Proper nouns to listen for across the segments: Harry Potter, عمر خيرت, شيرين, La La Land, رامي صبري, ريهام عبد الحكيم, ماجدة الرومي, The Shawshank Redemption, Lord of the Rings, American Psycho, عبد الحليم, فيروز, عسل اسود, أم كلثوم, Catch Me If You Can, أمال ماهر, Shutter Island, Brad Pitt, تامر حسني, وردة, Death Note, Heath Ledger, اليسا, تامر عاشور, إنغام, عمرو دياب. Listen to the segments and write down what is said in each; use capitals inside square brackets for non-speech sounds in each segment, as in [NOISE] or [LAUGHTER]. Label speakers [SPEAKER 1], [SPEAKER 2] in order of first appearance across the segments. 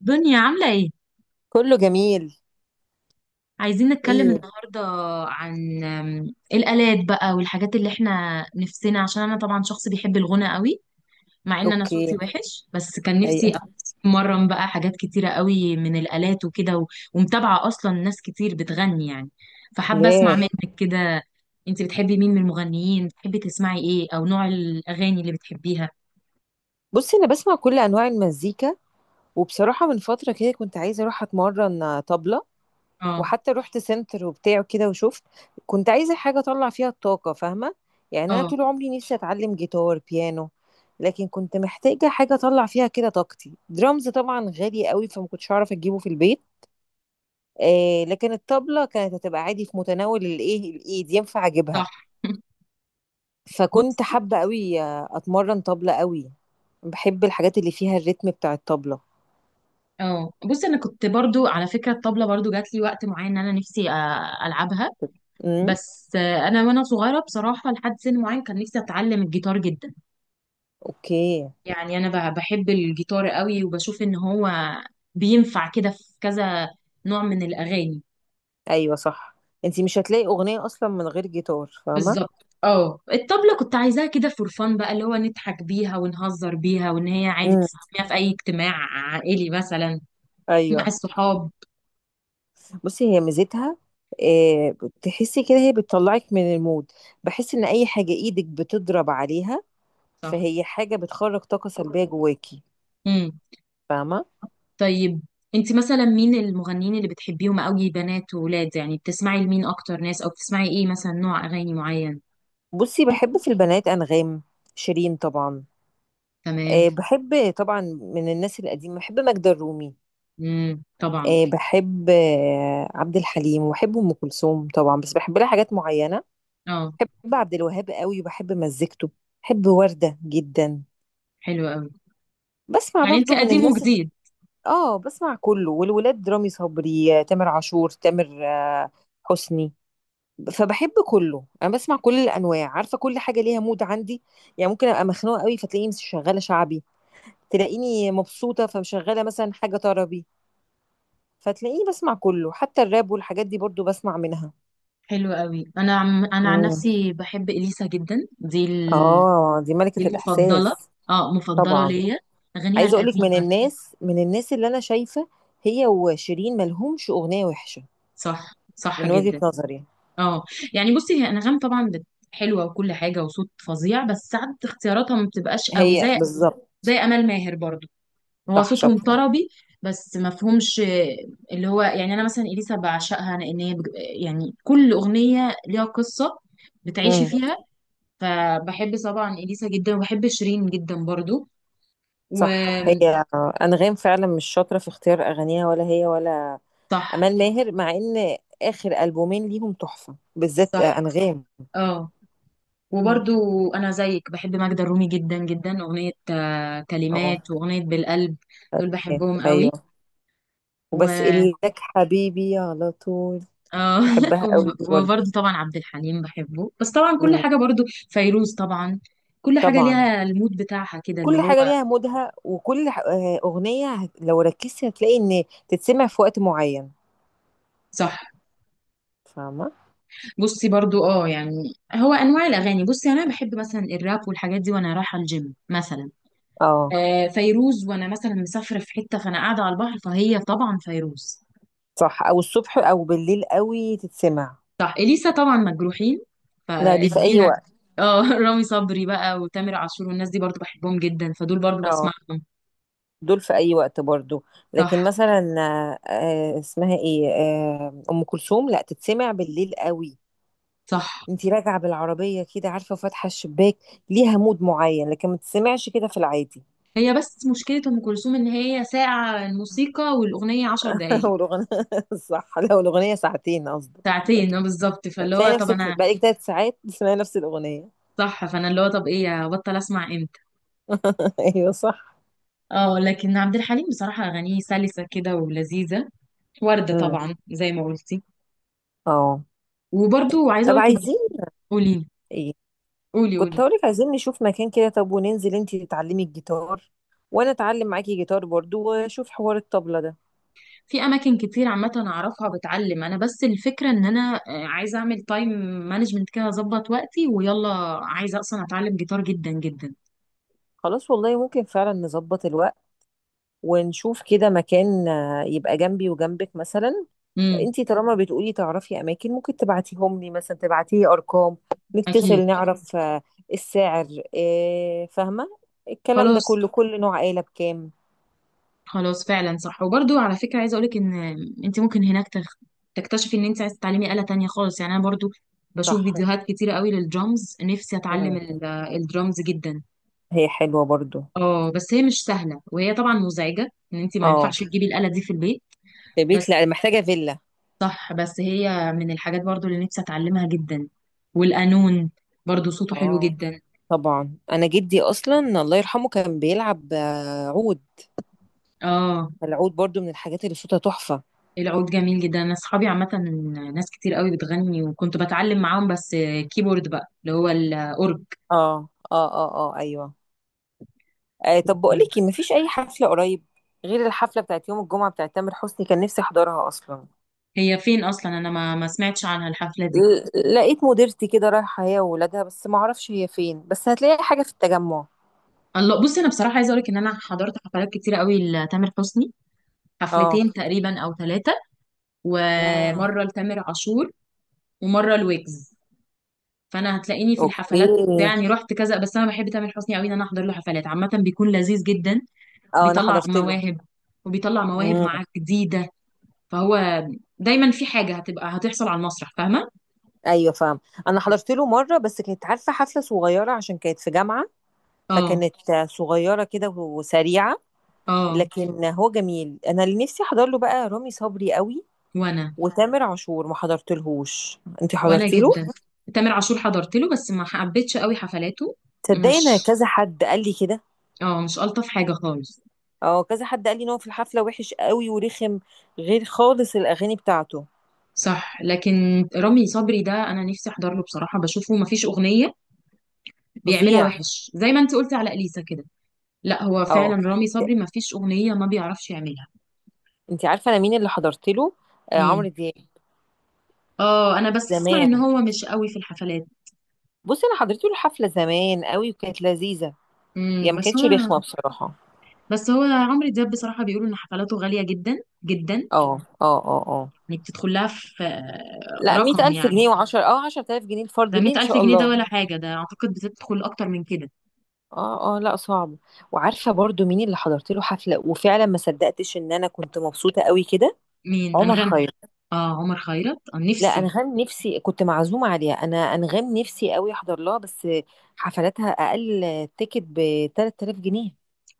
[SPEAKER 1] دنيا عاملة ايه؟
[SPEAKER 2] كله جميل.
[SPEAKER 1] عايزين نتكلم
[SPEAKER 2] ايه.
[SPEAKER 1] النهاردة عن ايه الآلات بقى والحاجات اللي احنا نفسنا، عشان انا طبعا شخص بيحب الغنى قوي مع ان انا
[SPEAKER 2] اوكي.
[SPEAKER 1] صوتي وحش، بس كان
[SPEAKER 2] أي-
[SPEAKER 1] نفسي اتمرن بقى حاجات كتيرة قوي من الآلات وكده، ومتابعة اصلا ناس كتير بتغني يعني. فحابة اسمع
[SPEAKER 2] ليه؟
[SPEAKER 1] ايوه منك كده. انت بتحبي مين من المغنيين؟ بتحبي تسمعي ايه او نوع الاغاني اللي بتحبيها؟
[SPEAKER 2] بصي، انا بسمع كل انواع المزيكا. وبصراحه من فتره كده كنت عايزه اروح اتمرن طبله،
[SPEAKER 1] اه،
[SPEAKER 2] وحتى رحت سنتر وبتاع كده وشفت. كنت عايزه حاجه اطلع فيها الطاقه، فاهمه؟ يعني انا
[SPEAKER 1] اه،
[SPEAKER 2] طول عمري نفسي اتعلم جيتار، بيانو، لكن كنت محتاجه حاجه اطلع فيها كده طاقتي. درامز طبعا غالي قوي، فما كنتش هعرف اجيبه في البيت. آه، لكن الطبله كانت هتبقى عادي في متناول الايد، ينفع اجيبها.
[SPEAKER 1] صح. [LAUGHS] بص
[SPEAKER 2] فكنت حابة قوي اتمرن طبلة قوي. بحب الحاجات اللي فيها الريتم بتاع الطبلة.
[SPEAKER 1] اه بص انا كنت برضو على فكره الطبله، برضو جات لي وقت معين ان انا نفسي العبها.
[SPEAKER 2] امم.
[SPEAKER 1] بس وانا صغيره بصراحه، لحد سن معين كان نفسي اتعلم الجيتار جدا.
[SPEAKER 2] اوكي.
[SPEAKER 1] يعني انا بحب الجيتار قوي، وبشوف ان هو بينفع كده في كذا نوع من الاغاني.
[SPEAKER 2] ايوه صح. انتي مش هتلاقي اغنية اصلا من غير جيتار، فاهمة؟
[SPEAKER 1] بالظبط. اه، الطبله كنت عايزاها كده فور فن بقى، اللي هو نضحك بيها ونهزر بيها، وان هي عادي
[SPEAKER 2] امم.
[SPEAKER 1] تستخدميها في اي اجتماع عائلي مثلا، مع
[SPEAKER 2] ايوه.
[SPEAKER 1] الصحاب.
[SPEAKER 2] بصي، هي ميزتها، آه، تحسي كده هي بتطلعك من المود. بحس ان اي حاجة ايدك بتضرب عليها،
[SPEAKER 1] صح.
[SPEAKER 2] فهي حاجة بتخرج طاقة سلبية جواكي.
[SPEAKER 1] امم.
[SPEAKER 2] فاهمة.
[SPEAKER 1] طيب انت مثلا مين المغنيين اللي بتحبيهم قوي، بنات وولاد؟ يعني بتسمعي لمين اكتر ناس، او بتسمعي ايه مثلا، نوع اغاني معين؟
[SPEAKER 2] بصي، بحب في البنات انغام، شيرين طبعا.
[SPEAKER 1] تمام.
[SPEAKER 2] بحب طبعا من الناس القديمة بحب ماجدة الرومي.
[SPEAKER 1] امم، طبعا.
[SPEAKER 2] بحب عبد الحليم، وبحب ام كلثوم طبعا بس بحب لها حاجات معينه.
[SPEAKER 1] اه،
[SPEAKER 2] بحب عبد الوهاب قوي، وبحب مزيكته. بحب ورده جدا.
[SPEAKER 1] حلو قوي.
[SPEAKER 2] بسمع
[SPEAKER 1] يعني انت
[SPEAKER 2] برضو من
[SPEAKER 1] قديم
[SPEAKER 2] الناس
[SPEAKER 1] وجديد.
[SPEAKER 2] اه، بسمع كله. والولاد رامي صبري، تامر عاشور، تامر آه، حسني. فبحب كله، انا بسمع كل الانواع. عارفه، كل حاجه ليها مود عندي. يعني ممكن ابقى مخنوقه قوي فتلاقيني مش شغاله شعبي، تلاقيني مبسوطه فمشغله مثلا حاجه طربي، فتلاقيني بسمع كله. حتى الراب والحاجات دي برضو بسمع
[SPEAKER 1] حلو قوي. انا عن
[SPEAKER 2] منها.
[SPEAKER 1] نفسي بحب اليسا جدا. دي ال...
[SPEAKER 2] اه، دي
[SPEAKER 1] دي
[SPEAKER 2] ملكة
[SPEAKER 1] المفضله.
[SPEAKER 2] الإحساس
[SPEAKER 1] اه، مفضله
[SPEAKER 2] طبعا.
[SPEAKER 1] ليا اغانيها
[SPEAKER 2] عايزة أقولك، من
[SPEAKER 1] القديمه.
[SPEAKER 2] الناس من الناس اللي أنا شايفة، هي وشيرين ملهمش أغنية وحشة
[SPEAKER 1] صح، صح
[SPEAKER 2] من وجهة
[SPEAKER 1] جدا.
[SPEAKER 2] نظري.
[SPEAKER 1] اه، يعني بصي هي انغام طبعا حلوه وكل حاجه، وصوت فظيع، بس ساعات اختياراتها ما بتبقاش قوي،
[SPEAKER 2] هي
[SPEAKER 1] زي
[SPEAKER 2] بالظبط.
[SPEAKER 1] زي امال ماهر برضو. هو
[SPEAKER 2] صح،
[SPEAKER 1] صوتهم
[SPEAKER 2] شاطرة.
[SPEAKER 1] طربي بس مفهومش. اللي هو يعني انا مثلا اليسا بعشقها، لان هي يعني كل اغنيه ليها قصه بتعيشي
[SPEAKER 2] امم.
[SPEAKER 1] فيها. فبحب طبعا اليسا جدا، وبحب شيرين جدا برضو.
[SPEAKER 2] صح. هي
[SPEAKER 1] وصح.
[SPEAKER 2] أنغام فعلا مش شاطرة في اختيار أغانيها، ولا هي ولا
[SPEAKER 1] صح،
[SPEAKER 2] أمال ماهر، مع إن آخر ألبومين ليهم تحفة، بالذات
[SPEAKER 1] صح.
[SPEAKER 2] أنغام.
[SPEAKER 1] اه،
[SPEAKER 2] مم.
[SPEAKER 1] وبرضو انا زيك بحب ماجدة الرومي جدا جدا، اغنيه
[SPEAKER 2] اه.
[SPEAKER 1] كلمات واغنيه بالقلب. دول بحبهم قوي.
[SPEAKER 2] أيوه، وبس إلك حبيبي على طول.
[SPEAKER 1] اه. [LAUGHS]
[SPEAKER 2] بحبها قوي دي برضه.
[SPEAKER 1] وبرضه طبعا عبد الحليم بحبه، بس طبعا كل
[SPEAKER 2] مم.
[SPEAKER 1] حاجة، برضه فيروز طبعا. كل حاجة
[SPEAKER 2] طبعا.
[SPEAKER 1] ليها المود بتاعها كده، اللي
[SPEAKER 2] كل
[SPEAKER 1] هو.
[SPEAKER 2] حاجة ليها مودها، وكل أغنية لو ركزتي هتلاقي إن تتسمع في وقت معين.
[SPEAKER 1] صح.
[SPEAKER 2] فاهمة؟
[SPEAKER 1] بصي برضه اه، يعني هو انواع الاغاني، بصي انا بحب مثلا الراب والحاجات دي وانا رايحة الجيم مثلا.
[SPEAKER 2] اه.
[SPEAKER 1] آه فيروز وانا مثلا مسافرة في حتة، فانا قاعدة على البحر فهي طبعا فيروز.
[SPEAKER 2] صح، أو الصبح أو بالليل قوي تتسمع.
[SPEAKER 1] صح. اليسا طبعا مجروحين،
[SPEAKER 2] لا، دي في أي
[SPEAKER 1] فاديها.
[SPEAKER 2] وقت.
[SPEAKER 1] اه. [LAUGHS] رامي صبري بقى وتامر عاشور والناس دي برضه بحبهم جدا، فدول برضه
[SPEAKER 2] اه،
[SPEAKER 1] بسمعهم.
[SPEAKER 2] دول في أي وقت برضو. لكن
[SPEAKER 1] صح،
[SPEAKER 2] مثلا آه، اسمها إيه، أم كلثوم لا تتسمع بالليل قوي.
[SPEAKER 1] صح.
[SPEAKER 2] انتي راجعة بالعربية كده، عارفة، فاتحة الشباك. ليها مود معين، لكن ما تتسمعش كده في العادي.
[SPEAKER 1] هي بس مشكلة أم كلثوم إن هي ساعة الموسيقى، والأغنية عشر
[SPEAKER 2] [LAUGHS]
[SPEAKER 1] دقايق
[SPEAKER 2] لو الأغنية [LAUGHS] صح، لو الأغنية ساعتين قصدي.
[SPEAKER 1] ساعتين بالظبط. فاللي هو
[SPEAKER 2] تلاقي
[SPEAKER 1] طب
[SPEAKER 2] نفسك
[SPEAKER 1] أنا.
[SPEAKER 2] بقالك تلات ساعات بتسمعي نفس الأغنية.
[SPEAKER 1] صح. فأنا اللي هو طب إيه، أبطل أسمع إمتى؟
[SPEAKER 2] [LAUGHS] أيوه صح.
[SPEAKER 1] اه لكن عبد الحليم بصراحة أغانيه سلسة كده، ولذيذة. وردة
[SPEAKER 2] امم.
[SPEAKER 1] طبعا زي ما قلتي.
[SPEAKER 2] اه.
[SPEAKER 1] وبرضو عايزة
[SPEAKER 2] طب
[SPEAKER 1] أقولك إن...
[SPEAKER 2] عايزين
[SPEAKER 1] [LAUGHS] قولي،
[SPEAKER 2] ايه.
[SPEAKER 1] قولي،
[SPEAKER 2] كنت
[SPEAKER 1] قولي.
[SPEAKER 2] هقولك عايزين نشوف مكان كده، طب وننزل انتي تتعلمي الجيتار وانا اتعلم معاكي جيتار برضو، واشوف حوار الطبلة ده.
[SPEAKER 1] في اماكن كتير عامه اعرفها بتعلم انا، بس الفكره ان انا عايزه اعمل تايم مانجمنت كده، اظبط وقتي ويلا. عايزه اصلا اتعلم جيتار جدا جدا.
[SPEAKER 2] خلاص، والله ممكن فعلا نظبط الوقت، ونشوف كده مكان يبقى جنبي وجنبك مثلا.
[SPEAKER 1] امم.
[SPEAKER 2] انتي طالما بتقولي تعرفي اماكن، ممكن تبعتيهم لي، مثلا تبعتيلي ارقام، نتصل،
[SPEAKER 1] اكيد. [LAUGHS]
[SPEAKER 2] نعرف السعر، فاهمة، الكلام ده
[SPEAKER 1] خلاص،
[SPEAKER 2] كله، كل نوع آلة بكام.
[SPEAKER 1] خلاص فعلا. صح وبرضو على فكرة عايزة اقولك ان انت ممكن هناك تكتشفي ان انت عايزة تتعلمي آلة تانية خالص. يعني انا برضو بشوف
[SPEAKER 2] صح.
[SPEAKER 1] فيديوهات كتيرة قوي للدرامز، نفسي اتعلم
[SPEAKER 2] مم.
[SPEAKER 1] الدرامز جدا.
[SPEAKER 2] هي حلوة برضو.
[SPEAKER 1] اه بس هي مش سهلة، وهي طبعا مزعجة، ان انت ما
[SPEAKER 2] اه،
[SPEAKER 1] ينفعش تجيبي الآلة دي في البيت
[SPEAKER 2] في بيت
[SPEAKER 1] بس.
[SPEAKER 2] لا، محتاجة فيلا.
[SPEAKER 1] صح، بس هي من الحاجات برضو اللي نفسي اتعلمها جدا. والقانون برضو صوته حلو
[SPEAKER 2] اه
[SPEAKER 1] جدا.
[SPEAKER 2] طبعا، انا جدي اصلا الله يرحمه كان بيلعب عود.
[SPEAKER 1] اه.
[SPEAKER 2] فالعود برضو من الحاجات اللي صوتها تحفة.
[SPEAKER 1] العود جميل جدا. انا اصحابي عامة ناس كتير قوي بتغني، وكنت بتعلم معاهم بس كيبورد بقى اللي هو الاورج.
[SPEAKER 2] اه اه اه اه ايوه. آه، طب بقولك ما مفيش اي حفلة قريب غير الحفلة بتاعت يوم الجمعة بتاعت تامر حسني، كان نفسي احضرها اصلا.
[SPEAKER 1] هي فين اصلا؟ انا ما سمعتش عنها الحفله دي.
[SPEAKER 2] لقيت مديرتي كده رايحة هي وولادها، بس ما اعرفش هي فين، بس هتلاقي حاجة في التجمع.
[SPEAKER 1] الله، بصي انا بصراحه عايزه اقول لك ان انا حضرت حفلات كتيره قوي لتامر حسني.
[SPEAKER 2] اه.
[SPEAKER 1] حفلتين تقريبا او ثلاثه.
[SPEAKER 2] مم.
[SPEAKER 1] ومره لتامر عاشور. ومره لويجز. فانا هتلاقيني في
[SPEAKER 2] اوكي.
[SPEAKER 1] الحفلات، يعني رحت كذا. بس انا بحب تامر حسني قوي، ان انا احضر له حفلات عامه بيكون لذيذ جدا.
[SPEAKER 2] اه انا
[SPEAKER 1] بيطلع
[SPEAKER 2] حضرت
[SPEAKER 1] مواهب، وبيطلع مواهب
[SPEAKER 2] له.
[SPEAKER 1] معاه جديده. فهو دايما في حاجه هتحصل على المسرح، فاهمه.
[SPEAKER 2] ايوه، فاهم. انا حضرت له مره، بس كانت عارفه حفله صغيره عشان كانت في جامعه،
[SPEAKER 1] اه،
[SPEAKER 2] فكانت صغيره كده وسريعه.
[SPEAKER 1] اه.
[SPEAKER 2] لكن هو جميل. انا اللي نفسي احضر له بقى رامي صبري قوي،
[SPEAKER 1] وانا
[SPEAKER 2] وتامر عاشور ما حضرتلهوش. انت
[SPEAKER 1] وانا
[SPEAKER 2] حضرتي له؟
[SPEAKER 1] جدا. تامر عاشور حضرت له بس ما حبيتش قوي حفلاته.
[SPEAKER 2] تصدقي
[SPEAKER 1] مش
[SPEAKER 2] انا كذا حد قال لي كده.
[SPEAKER 1] اه مش الطف حاجه خالص.
[SPEAKER 2] اه كذا حد قال لي ان هو في الحفله وحش قوي ورخم، غير خالص الاغاني بتاعته.
[SPEAKER 1] صح، لكن رامي صبري ده انا نفسي احضر له بصراحه، بشوفه ما فيش اغنيه بيعملها
[SPEAKER 2] فظيع.
[SPEAKER 1] وحش، زي ما انت قلتي على اليسا كده. لا هو فعلا
[SPEAKER 2] اه،
[SPEAKER 1] رامي صبري ما فيش اغنيه ما بيعرفش يعملها.
[SPEAKER 2] انت عارفه انا مين اللي حضرت له؟ آه،
[SPEAKER 1] مين؟
[SPEAKER 2] عمرو دياب
[SPEAKER 1] اه انا بس اسمع
[SPEAKER 2] زمان.
[SPEAKER 1] ان هو مش قوي في الحفلات.
[SPEAKER 2] بصي انا حضرت له الحفله زمان قوي وكانت لذيذه. هي
[SPEAKER 1] امم.
[SPEAKER 2] ما
[SPEAKER 1] بس
[SPEAKER 2] كانتش
[SPEAKER 1] هو
[SPEAKER 2] رخمة بصراحة.
[SPEAKER 1] بس هو عمرو دياب بصراحه بيقولوا ان حفلاته غاليه جدا جدا.
[SPEAKER 2] اه اه اه اه.
[SPEAKER 1] يعني بتدخل لها في
[SPEAKER 2] لا، مية
[SPEAKER 1] رقم
[SPEAKER 2] ألف
[SPEAKER 1] يعني؟
[SPEAKER 2] جنيه! وعشرة، اه عشرة آلاف جنيه الفرد
[SPEAKER 1] ده
[SPEAKER 2] ليه إن
[SPEAKER 1] 100000
[SPEAKER 2] شاء
[SPEAKER 1] جنيه ده
[SPEAKER 2] الله.
[SPEAKER 1] ولا حاجة؟ ده أعتقد بتدخل أكتر من كده.
[SPEAKER 2] اه اه، لا صعب. وعارفة برضو مين اللي حضرت له حفلة وفعلا ما صدقتش إن أنا كنت مبسوطة قوي كده؟
[SPEAKER 1] مين،
[SPEAKER 2] عمر
[SPEAKER 1] أنغام؟
[SPEAKER 2] خيرت.
[SPEAKER 1] آه عمر خيرت. آه
[SPEAKER 2] لا،
[SPEAKER 1] نفسي.
[SPEAKER 2] أنغام نفسي. كنت معزومة عليها أنا. أنغام نفسي قوي أحضر لها بس حفلاتها أقل تيكت ب 3000 جنيه.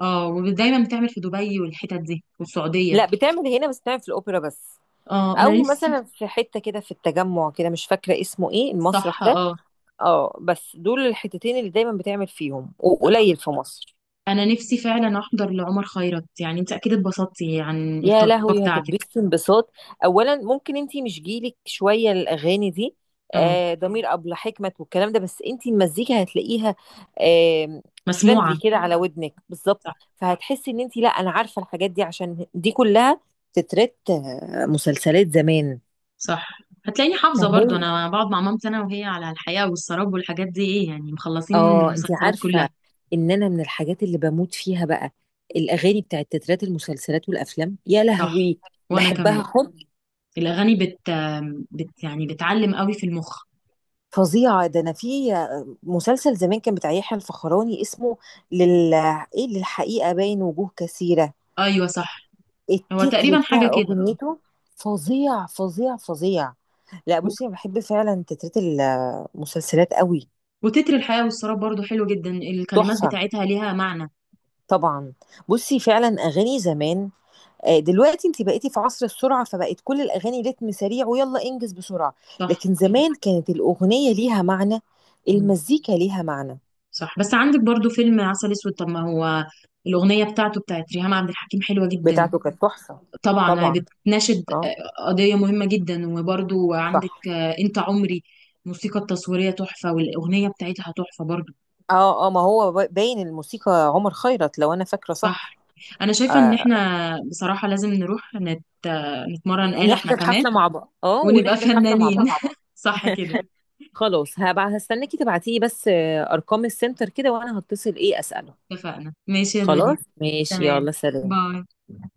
[SPEAKER 1] آه. ودايما بتعمل في دبي والحتت دي والسعودية.
[SPEAKER 2] لا، بتعمل هنا بس، بتعمل في الأوبرا بس.
[SPEAKER 1] آه أنا
[SPEAKER 2] أو مثلا
[SPEAKER 1] نفسي.
[SPEAKER 2] في حتة كده في التجمع كده، مش فاكرة اسمه إيه
[SPEAKER 1] صح.
[SPEAKER 2] المسرح ده.
[SPEAKER 1] آه
[SPEAKER 2] اه، بس دول الحتتين اللي دايما بتعمل فيهم، وقليل في مصر.
[SPEAKER 1] أنا نفسي فعلا أحضر لعمر خيرت. يعني أنت أكيد اتبسطتي عن
[SPEAKER 2] يا
[SPEAKER 1] التجربة
[SPEAKER 2] لهوي،
[SPEAKER 1] بتاعتك.
[SPEAKER 2] هتتبسط انبساط. اولا ممكن انتي مش جيلك شويه الاغاني دي،
[SPEAKER 1] آه.
[SPEAKER 2] آه ضمير، ابلة حكمت والكلام ده، بس انتي المزيكا هتلاقيها، آه،
[SPEAKER 1] مسموعة.
[SPEAKER 2] فريندلي كده على ودنك بالظبط.
[SPEAKER 1] صح،
[SPEAKER 2] فهتحسي ان انتي، لا انا عارفه الحاجات دي، عشان دي كلها تترات مسلسلات زمان.
[SPEAKER 1] صح. هتلاقيني حافظة برضو،
[SPEAKER 2] أهو.
[SPEAKER 1] أنا بقعد مع مامتي أنا وهي على الحياة والسراب والحاجات دي، إيه يعني مخلصين
[SPEAKER 2] اه، انت
[SPEAKER 1] المسلسلات
[SPEAKER 2] عارفه
[SPEAKER 1] كلها.
[SPEAKER 2] ان انا من الحاجات اللي بموت فيها بقى الاغاني بتاعت تترات المسلسلات والافلام، يا
[SPEAKER 1] صح.
[SPEAKER 2] لهوي
[SPEAKER 1] وأنا
[SPEAKER 2] بحبها
[SPEAKER 1] كمان.
[SPEAKER 2] حب
[SPEAKER 1] الأغاني بت يعني بتعلم قوي في المخ.
[SPEAKER 2] فظيعه. ده انا في مسلسل زمان كان بتاع يحيى الفخراني، اسمه لل ايه للحقيقه، باين وجوه كثيره،
[SPEAKER 1] ايوه صح، هو
[SPEAKER 2] التتر
[SPEAKER 1] تقريبا حاجه
[SPEAKER 2] بتاع
[SPEAKER 1] كده.
[SPEAKER 2] اغنيته فظيع فظيع فظيع. لا
[SPEAKER 1] و-
[SPEAKER 2] بصي، انا بحب فعلا تترات المسلسلات قوي.
[SPEAKER 1] وتتر الحياه والسراب برضو حلو جدا، الكلمات
[SPEAKER 2] تحفه.
[SPEAKER 1] بتاعتها ليها معنى.
[SPEAKER 2] طبعا. بصي فعلا اغاني زمان، دلوقتي انت بقيتي في عصر السرعة، فبقت كل الأغاني رتم سريع، ويلا انجز بسرعة. لكن
[SPEAKER 1] صح.
[SPEAKER 2] زمان كانت الأغنية ليها معنى،
[SPEAKER 1] مم.
[SPEAKER 2] المزيكا ليها معنى.
[SPEAKER 1] صح، بس عندك برضو فيلم عسل اسود. طب ما هو الاغنيه بتاعته بتاعت ريهام عبد الحكيم حلوه جدا،
[SPEAKER 2] بتاعته كانت تحفة.
[SPEAKER 1] طبعا
[SPEAKER 2] طبعا.
[SPEAKER 1] بتناشد
[SPEAKER 2] اه.
[SPEAKER 1] قضيه مهمه جدا. وبرضو عندك
[SPEAKER 2] صح.
[SPEAKER 1] انت عمري. الموسيقى التصويريه تحفه والاغنيه بتاعتها تحفه برضو.
[SPEAKER 2] اه اه، ما هو باين الموسيقى عمر خيرت لو أنا فاكرة صح.
[SPEAKER 1] صح. انا شايفه ان
[SPEAKER 2] آه،
[SPEAKER 1] احنا بصراحه لازم نروح نت... آه، نتمرن آلة احنا
[SPEAKER 2] نحضر
[SPEAKER 1] كمان،
[SPEAKER 2] حفلة مع بعض، اه
[SPEAKER 1] ونبقى
[SPEAKER 2] ونحضر حفلة مع
[SPEAKER 1] فنانين.
[SPEAKER 2] بعض.
[SPEAKER 1] [LAUGHS] صح كده.
[SPEAKER 2] خلاص، هبقى هستناكي تبعتيلي بس أرقام السنتر كده، وأنا هتصل ايه أسأله.
[SPEAKER 1] اتفقنا، ماشي يا دنيا.
[SPEAKER 2] خلاص ماشي،
[SPEAKER 1] تمام.
[SPEAKER 2] يلا سلام.
[SPEAKER 1] باي.